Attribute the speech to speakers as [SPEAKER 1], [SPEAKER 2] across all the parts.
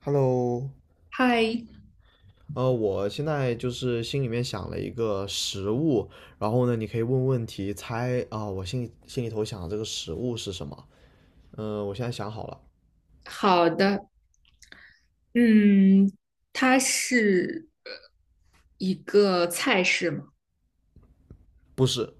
[SPEAKER 1] Hello,
[SPEAKER 2] 嗨。
[SPEAKER 1] 我现在就是心里面想了一个食物，然后呢，你可以问问题猜啊，我心里头想的这个食物是什么？我现在想好了。
[SPEAKER 2] 好的。嗯，它是一个菜式嘛？
[SPEAKER 1] 不是。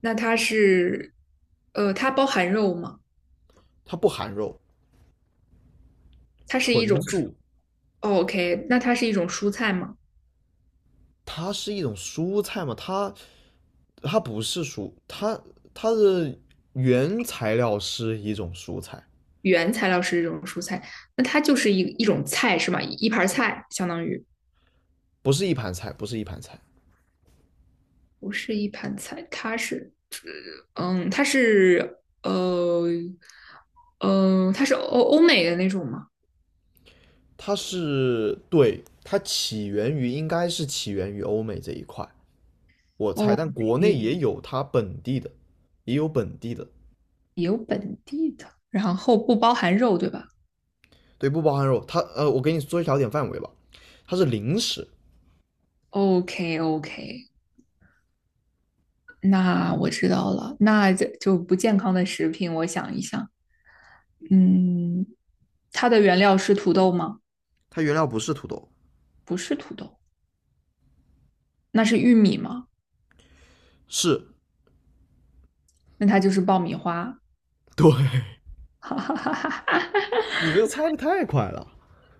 [SPEAKER 2] 那它是，它包含肉吗？
[SPEAKER 1] 它不含肉。
[SPEAKER 2] 它是一
[SPEAKER 1] 纯
[SPEAKER 2] 种蔬
[SPEAKER 1] 素。
[SPEAKER 2] 哦，OK,那它是一种蔬菜吗？
[SPEAKER 1] 它是一种蔬菜嘛，它不是蔬，它的原材料是一种蔬菜。
[SPEAKER 2] 原材料是一种蔬菜。那它就是一种菜是吗？一盘儿菜相当于
[SPEAKER 1] 不是一盘菜，不是一盘菜。
[SPEAKER 2] 不是一盘菜，它是，嗯，它是，呃，它是欧美的那种吗？
[SPEAKER 1] 它是，对，它起源于应该是起源于欧美这一块。我猜，
[SPEAKER 2] 哦，
[SPEAKER 1] 但国内也有它本地的。也有本地的。
[SPEAKER 2] 有本地的，然后不包含肉，对吧
[SPEAKER 1] 对，不包含肉。它我给你缩小点范围吧，它是零食。
[SPEAKER 2] ？OK OK,那我知道了。那这就不健康的食品，我想一想，嗯，它的原料是土豆吗？
[SPEAKER 1] 它原料不是土豆。
[SPEAKER 2] 不是土豆。那是玉米吗？
[SPEAKER 1] 是。
[SPEAKER 2] 那它就是爆米花。
[SPEAKER 1] 对，
[SPEAKER 2] 哈哈哈哈哈！哈
[SPEAKER 1] 你这个猜的太快了。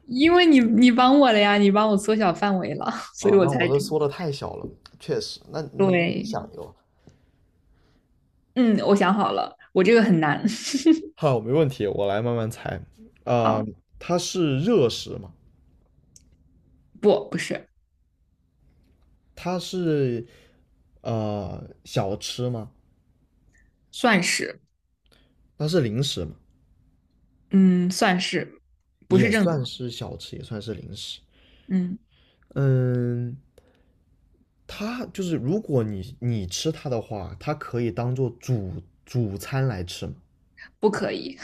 [SPEAKER 2] 因为你帮我了呀，你帮我缩小范围了，所以
[SPEAKER 1] 啊！
[SPEAKER 2] 我
[SPEAKER 1] 那我
[SPEAKER 2] 才
[SPEAKER 1] 这
[SPEAKER 2] 知道。
[SPEAKER 1] 缩的太小了，确实。那你你
[SPEAKER 2] 对。
[SPEAKER 1] 想一个。
[SPEAKER 2] 嗯，我想好了，我这个很难。
[SPEAKER 1] 好，没问题，我来慢慢猜。呃，
[SPEAKER 2] 好。
[SPEAKER 1] 它是热食吗？
[SPEAKER 2] 不，不是。
[SPEAKER 1] 它是小吃吗？
[SPEAKER 2] 算是。
[SPEAKER 1] 它是零食吗？
[SPEAKER 2] 嗯，算是，不
[SPEAKER 1] 也
[SPEAKER 2] 是正餐。
[SPEAKER 1] 算是小吃，也算是零食。
[SPEAKER 2] 嗯，
[SPEAKER 1] 嗯，它就是如果你吃它的话，它可以当做主餐来吃吗？
[SPEAKER 2] 不可以。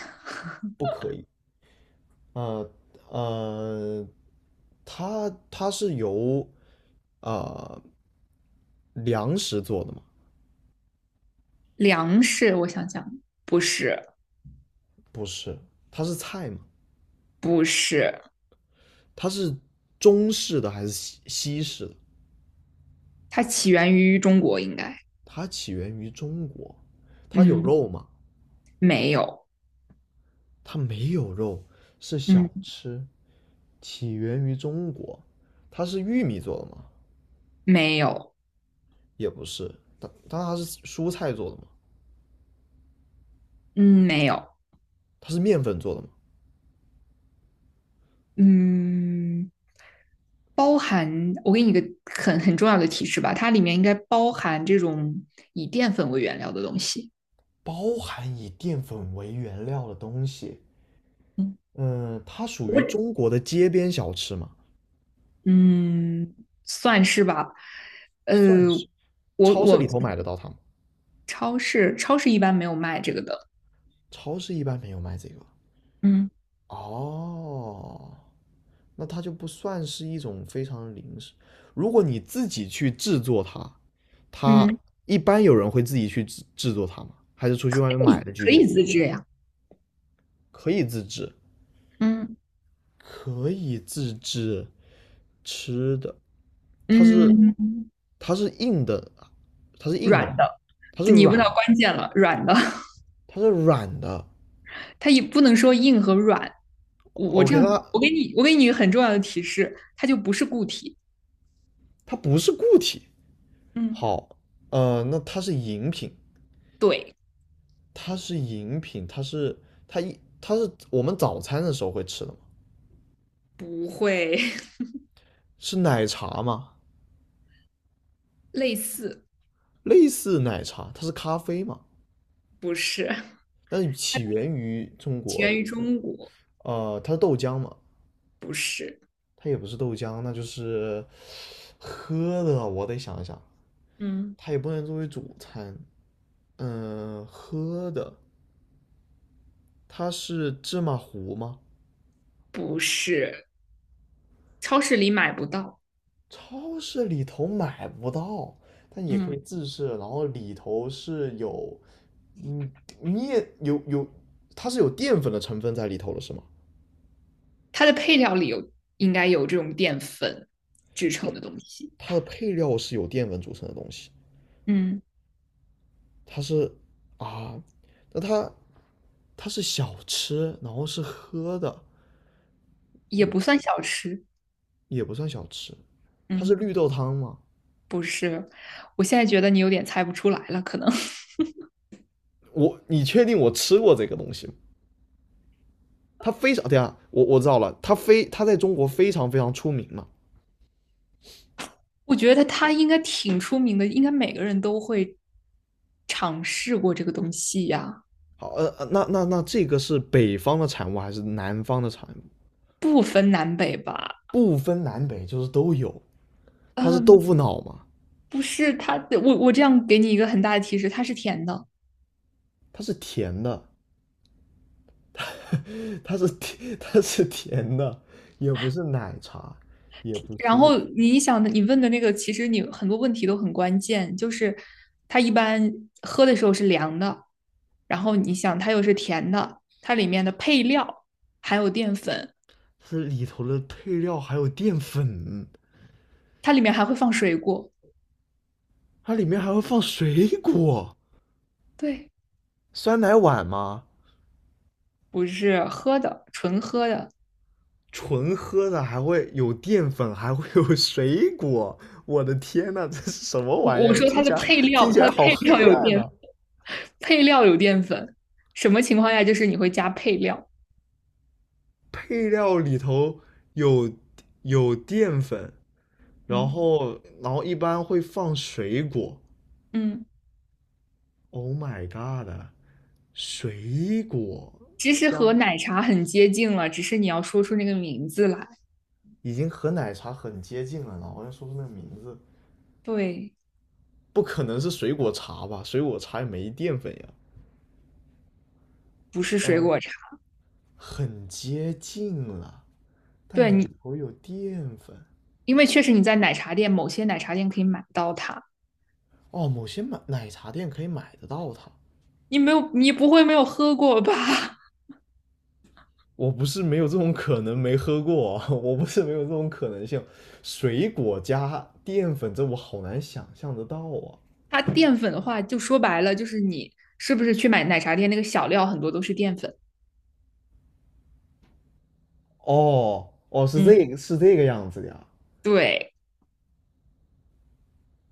[SPEAKER 1] 不可以。呃呃，它是由呃粮食做的吗？
[SPEAKER 2] 粮食，我想想，不是。
[SPEAKER 1] 不是。它是菜吗？
[SPEAKER 2] 不是。
[SPEAKER 1] 它是中式的还是西式的？
[SPEAKER 2] 它起源于中国，应该。
[SPEAKER 1] 它起源于中国。它有
[SPEAKER 2] 嗯，
[SPEAKER 1] 肉吗？
[SPEAKER 2] 没有。
[SPEAKER 1] 它没有肉，是小
[SPEAKER 2] 嗯，
[SPEAKER 1] 吃，起源于中国。它是玉米做的吗？
[SPEAKER 2] 没有。
[SPEAKER 1] 也不是。它但它是蔬菜做的嘛，
[SPEAKER 2] 嗯，没有。
[SPEAKER 1] 它是面粉做的嘛，
[SPEAKER 2] 嗯，包含，我给你一个很重要的提示吧，它里面应该包含这种以淀粉为原料的东西。
[SPEAKER 1] 包含以淀粉为原料的东西。
[SPEAKER 2] 嗯。
[SPEAKER 1] 嗯，它属于中国的街边小吃嘛？
[SPEAKER 2] 嗯算是吧。呃，
[SPEAKER 1] 算是。
[SPEAKER 2] 我
[SPEAKER 1] 超市
[SPEAKER 2] 我
[SPEAKER 1] 里头买得到它吗？
[SPEAKER 2] 超市一般没有卖这个的。
[SPEAKER 1] 超市一般没有卖这个。
[SPEAKER 2] 嗯。
[SPEAKER 1] 哦，那它就不算是一种非常零食。如果你自己去制作它，它
[SPEAKER 2] 嗯，
[SPEAKER 1] 一般有人会自己去制作它吗？还是出去
[SPEAKER 2] 可
[SPEAKER 1] 外面买
[SPEAKER 2] 以
[SPEAKER 1] 的居
[SPEAKER 2] 可
[SPEAKER 1] 多？
[SPEAKER 2] 以自制呀。
[SPEAKER 1] 可以自制。
[SPEAKER 2] 嗯。
[SPEAKER 1] 可以自制吃的。它是
[SPEAKER 2] 嗯，
[SPEAKER 1] 它是硬的，它是硬的，
[SPEAKER 2] 软的。
[SPEAKER 1] 它是
[SPEAKER 2] 你问到
[SPEAKER 1] 软，
[SPEAKER 2] 关键了，软的。
[SPEAKER 1] 它是软的。
[SPEAKER 2] 它也不能说硬和软。我这
[SPEAKER 1] OK,
[SPEAKER 2] 样，
[SPEAKER 1] 那它
[SPEAKER 2] 我给你一个很重要的提示，它就不是固体。
[SPEAKER 1] 它不是固体。
[SPEAKER 2] 嗯。
[SPEAKER 1] 好，那它是饮品。
[SPEAKER 2] 对。
[SPEAKER 1] 它是饮品，它是它一它是我们早餐的时候会吃的吗？
[SPEAKER 2] 不会。
[SPEAKER 1] 是奶茶吗？
[SPEAKER 2] 类似。
[SPEAKER 1] 类似奶茶，它是咖啡嘛？
[SPEAKER 2] 不是。
[SPEAKER 1] 但是起源于中
[SPEAKER 2] 起
[SPEAKER 1] 国。
[SPEAKER 2] 源于中国。
[SPEAKER 1] 它是豆浆嘛？
[SPEAKER 2] 不是。
[SPEAKER 1] 它也不是豆浆，那就是喝的。我得想一想，
[SPEAKER 2] 嗯
[SPEAKER 1] 它也不能作为主餐。嗯，喝的，它是芝麻糊吗？
[SPEAKER 2] 不是。超市里买不到。
[SPEAKER 1] 超市里头买不到，但也可以
[SPEAKER 2] 嗯，
[SPEAKER 1] 自制。然后里头是有，嗯，面有有，它是有淀粉的成分在里头了，是吗？
[SPEAKER 2] 它的配料里有，应该有这种淀粉制成的东西。
[SPEAKER 1] 它的配料是有淀粉组成的东西。
[SPEAKER 2] 嗯，
[SPEAKER 1] 它是啊，那它它是小吃，然后是喝的，
[SPEAKER 2] 也不算小吃。
[SPEAKER 1] 也不算小吃。它是
[SPEAKER 2] 嗯。
[SPEAKER 1] 绿豆汤吗？
[SPEAKER 2] 不是。我现在觉得你有点猜不出来了，可能。
[SPEAKER 1] 我你确定我吃过这个东西吗？它非常，对啊，我我知道了，它非它在中国非常非常出名嘛。
[SPEAKER 2] 我觉得他应该挺出名的，应该每个人都会尝试过这个东西呀。
[SPEAKER 1] 好，那那那这个是北方的产物还是南方的产物？
[SPEAKER 2] 不分南北吧？
[SPEAKER 1] 不分南北，就是都有。它是豆
[SPEAKER 2] 嗯。
[SPEAKER 1] 腐脑嘛？
[SPEAKER 2] 不是它，我这样给你一个很大的提示，它是甜的。
[SPEAKER 1] 它是甜的，它是甜，它是甜的，也不是奶茶，也不
[SPEAKER 2] 然
[SPEAKER 1] 是。
[SPEAKER 2] 后你想的，你问的那个，其实你很多问题都很关键，就是它一般喝的时候是凉的，然后你想它又是甜的，它里面的配料还有淀粉，
[SPEAKER 1] 是里头的配料还有淀粉。
[SPEAKER 2] 它里面还会放水果。
[SPEAKER 1] 它里面还会放水果。
[SPEAKER 2] 对。
[SPEAKER 1] 酸奶碗吗？
[SPEAKER 2] 不是喝的，纯喝的。
[SPEAKER 1] 纯喝的还会有淀粉，还会有水果，我的天呐，这是什么
[SPEAKER 2] 我
[SPEAKER 1] 玩意
[SPEAKER 2] 我
[SPEAKER 1] 儿？
[SPEAKER 2] 说
[SPEAKER 1] 听
[SPEAKER 2] 它的
[SPEAKER 1] 起来，
[SPEAKER 2] 配
[SPEAKER 1] 听
[SPEAKER 2] 料，
[SPEAKER 1] 起
[SPEAKER 2] 它
[SPEAKER 1] 来
[SPEAKER 2] 的
[SPEAKER 1] 好
[SPEAKER 2] 配料
[SPEAKER 1] 黑
[SPEAKER 2] 有
[SPEAKER 1] 暗
[SPEAKER 2] 淀
[SPEAKER 1] 呐！
[SPEAKER 2] 粉。配料有淀粉，什么情况下就是你会加配料？
[SPEAKER 1] 配料里头有有淀粉，然
[SPEAKER 2] 嗯。
[SPEAKER 1] 后然后一般会放水果。
[SPEAKER 2] 嗯，
[SPEAKER 1] Oh my god!啊，水果
[SPEAKER 2] 其实和
[SPEAKER 1] 加，
[SPEAKER 2] 奶茶很接近了，只是你要说出那个名字来。
[SPEAKER 1] 已经和奶茶很接近了，然后要说出那个名字。
[SPEAKER 2] 对。
[SPEAKER 1] 不可能是水果茶吧？水果茶也没淀粉呀。
[SPEAKER 2] 不是水
[SPEAKER 1] 嗯，
[SPEAKER 2] 果茶。
[SPEAKER 1] 很接近了。但
[SPEAKER 2] 对你，
[SPEAKER 1] 里头有淀粉。
[SPEAKER 2] 因为确实你在奶茶店，某些奶茶店可以买到它。
[SPEAKER 1] 哦，某些买奶茶店可以买得到它。
[SPEAKER 2] 你没有，你不会没有喝过吧？
[SPEAKER 1] 我不是没有这种可能，没喝过啊 我不是没有这种可能性。水果加淀粉，这我好难想象得到啊。
[SPEAKER 2] 它淀粉的话，就说白了就是你是不是去买奶茶店那个小料很多都是淀粉？
[SPEAKER 1] 哦哦，是
[SPEAKER 2] 嗯，
[SPEAKER 1] 这个是这个样子的呀。
[SPEAKER 2] 对。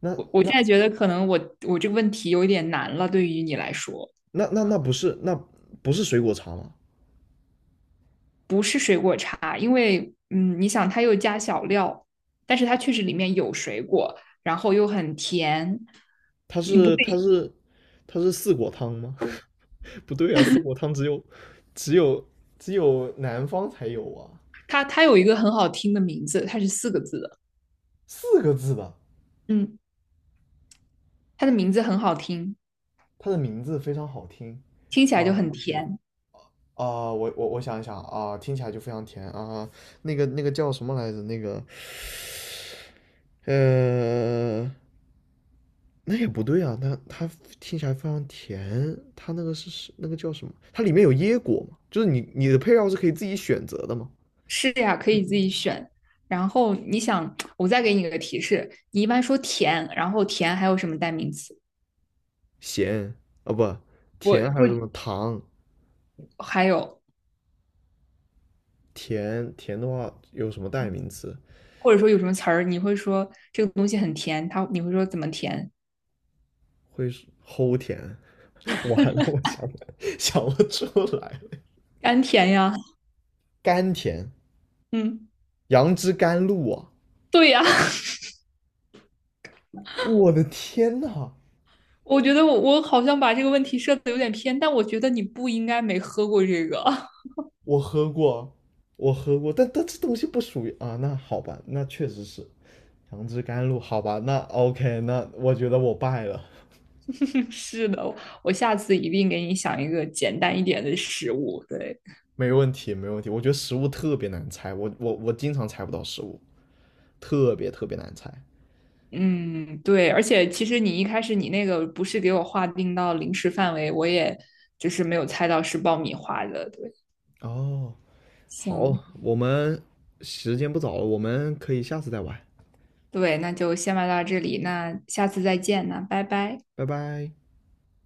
[SPEAKER 1] 那
[SPEAKER 2] 我现
[SPEAKER 1] 那
[SPEAKER 2] 在觉得可能我这个问题有一点难了，对于你来说。
[SPEAKER 1] 那不是不是水果茶吗？
[SPEAKER 2] 不是水果茶，因为嗯，你想它又加小料，但是它确实里面有水果，然后又很甜。
[SPEAKER 1] 它
[SPEAKER 2] 你不会，
[SPEAKER 1] 是它是它是四果汤吗？不对啊，四果汤只有只有只有南方才有啊。
[SPEAKER 2] 它有一个很好听的名字，它是四个字的。
[SPEAKER 1] 四个字的。
[SPEAKER 2] 嗯，它的名字很好听，
[SPEAKER 1] 它的名字非常好听。
[SPEAKER 2] 听起来就
[SPEAKER 1] 啊，
[SPEAKER 2] 很甜。
[SPEAKER 1] 我我我想一想啊、听起来就非常甜啊、那个那个叫什么来着？那个呃，那也不对啊，那它听起来非常甜，它那个是是那个叫什么？它里面有椰果嘛？就是你你的配料是可以自己选择的吗？
[SPEAKER 2] 是呀，可以自己选。然后你想，我再给你一个提示，你一般说甜，然后甜还有什么代名词？
[SPEAKER 1] 咸，啊不，
[SPEAKER 2] 我
[SPEAKER 1] 甜，还有什
[SPEAKER 2] 我
[SPEAKER 1] 么糖？
[SPEAKER 2] 还有
[SPEAKER 1] 甜甜的话有什么代名词？
[SPEAKER 2] 或者说有什么词儿，你会说这个东西很甜，它你会说怎么甜？
[SPEAKER 1] 会是齁甜？完了，我想不 想不出来了。
[SPEAKER 2] 甘甜呀。
[SPEAKER 1] 甘甜。
[SPEAKER 2] 嗯，
[SPEAKER 1] 杨枝甘露啊！
[SPEAKER 2] 对呀。
[SPEAKER 1] 我的天呐，
[SPEAKER 2] 我觉得我好像把这个问题设的有点偏，但我觉得你不应该没喝过这个。
[SPEAKER 1] 我喝过，我喝过，但但这东西不属于啊。那好吧，那确实是杨枝甘露，好吧，那 OK,那我觉得我败了。
[SPEAKER 2] 是的，我下次一定给你想一个简单一点的食物。对。
[SPEAKER 1] 没问题，没问题。我觉得食物特别难猜，我我我经常猜不到食物，特别特别难猜。
[SPEAKER 2] 嗯，对，而且其实你一开始你那个不是给我划定到零食范围，我也就是没有猜到是爆米花的。对，
[SPEAKER 1] 哦，
[SPEAKER 2] 行，
[SPEAKER 1] 好，我们时间不早了，我们可以下次再玩。
[SPEAKER 2] 对，那就先玩到这里，那下次再见，那拜拜。
[SPEAKER 1] 拜拜。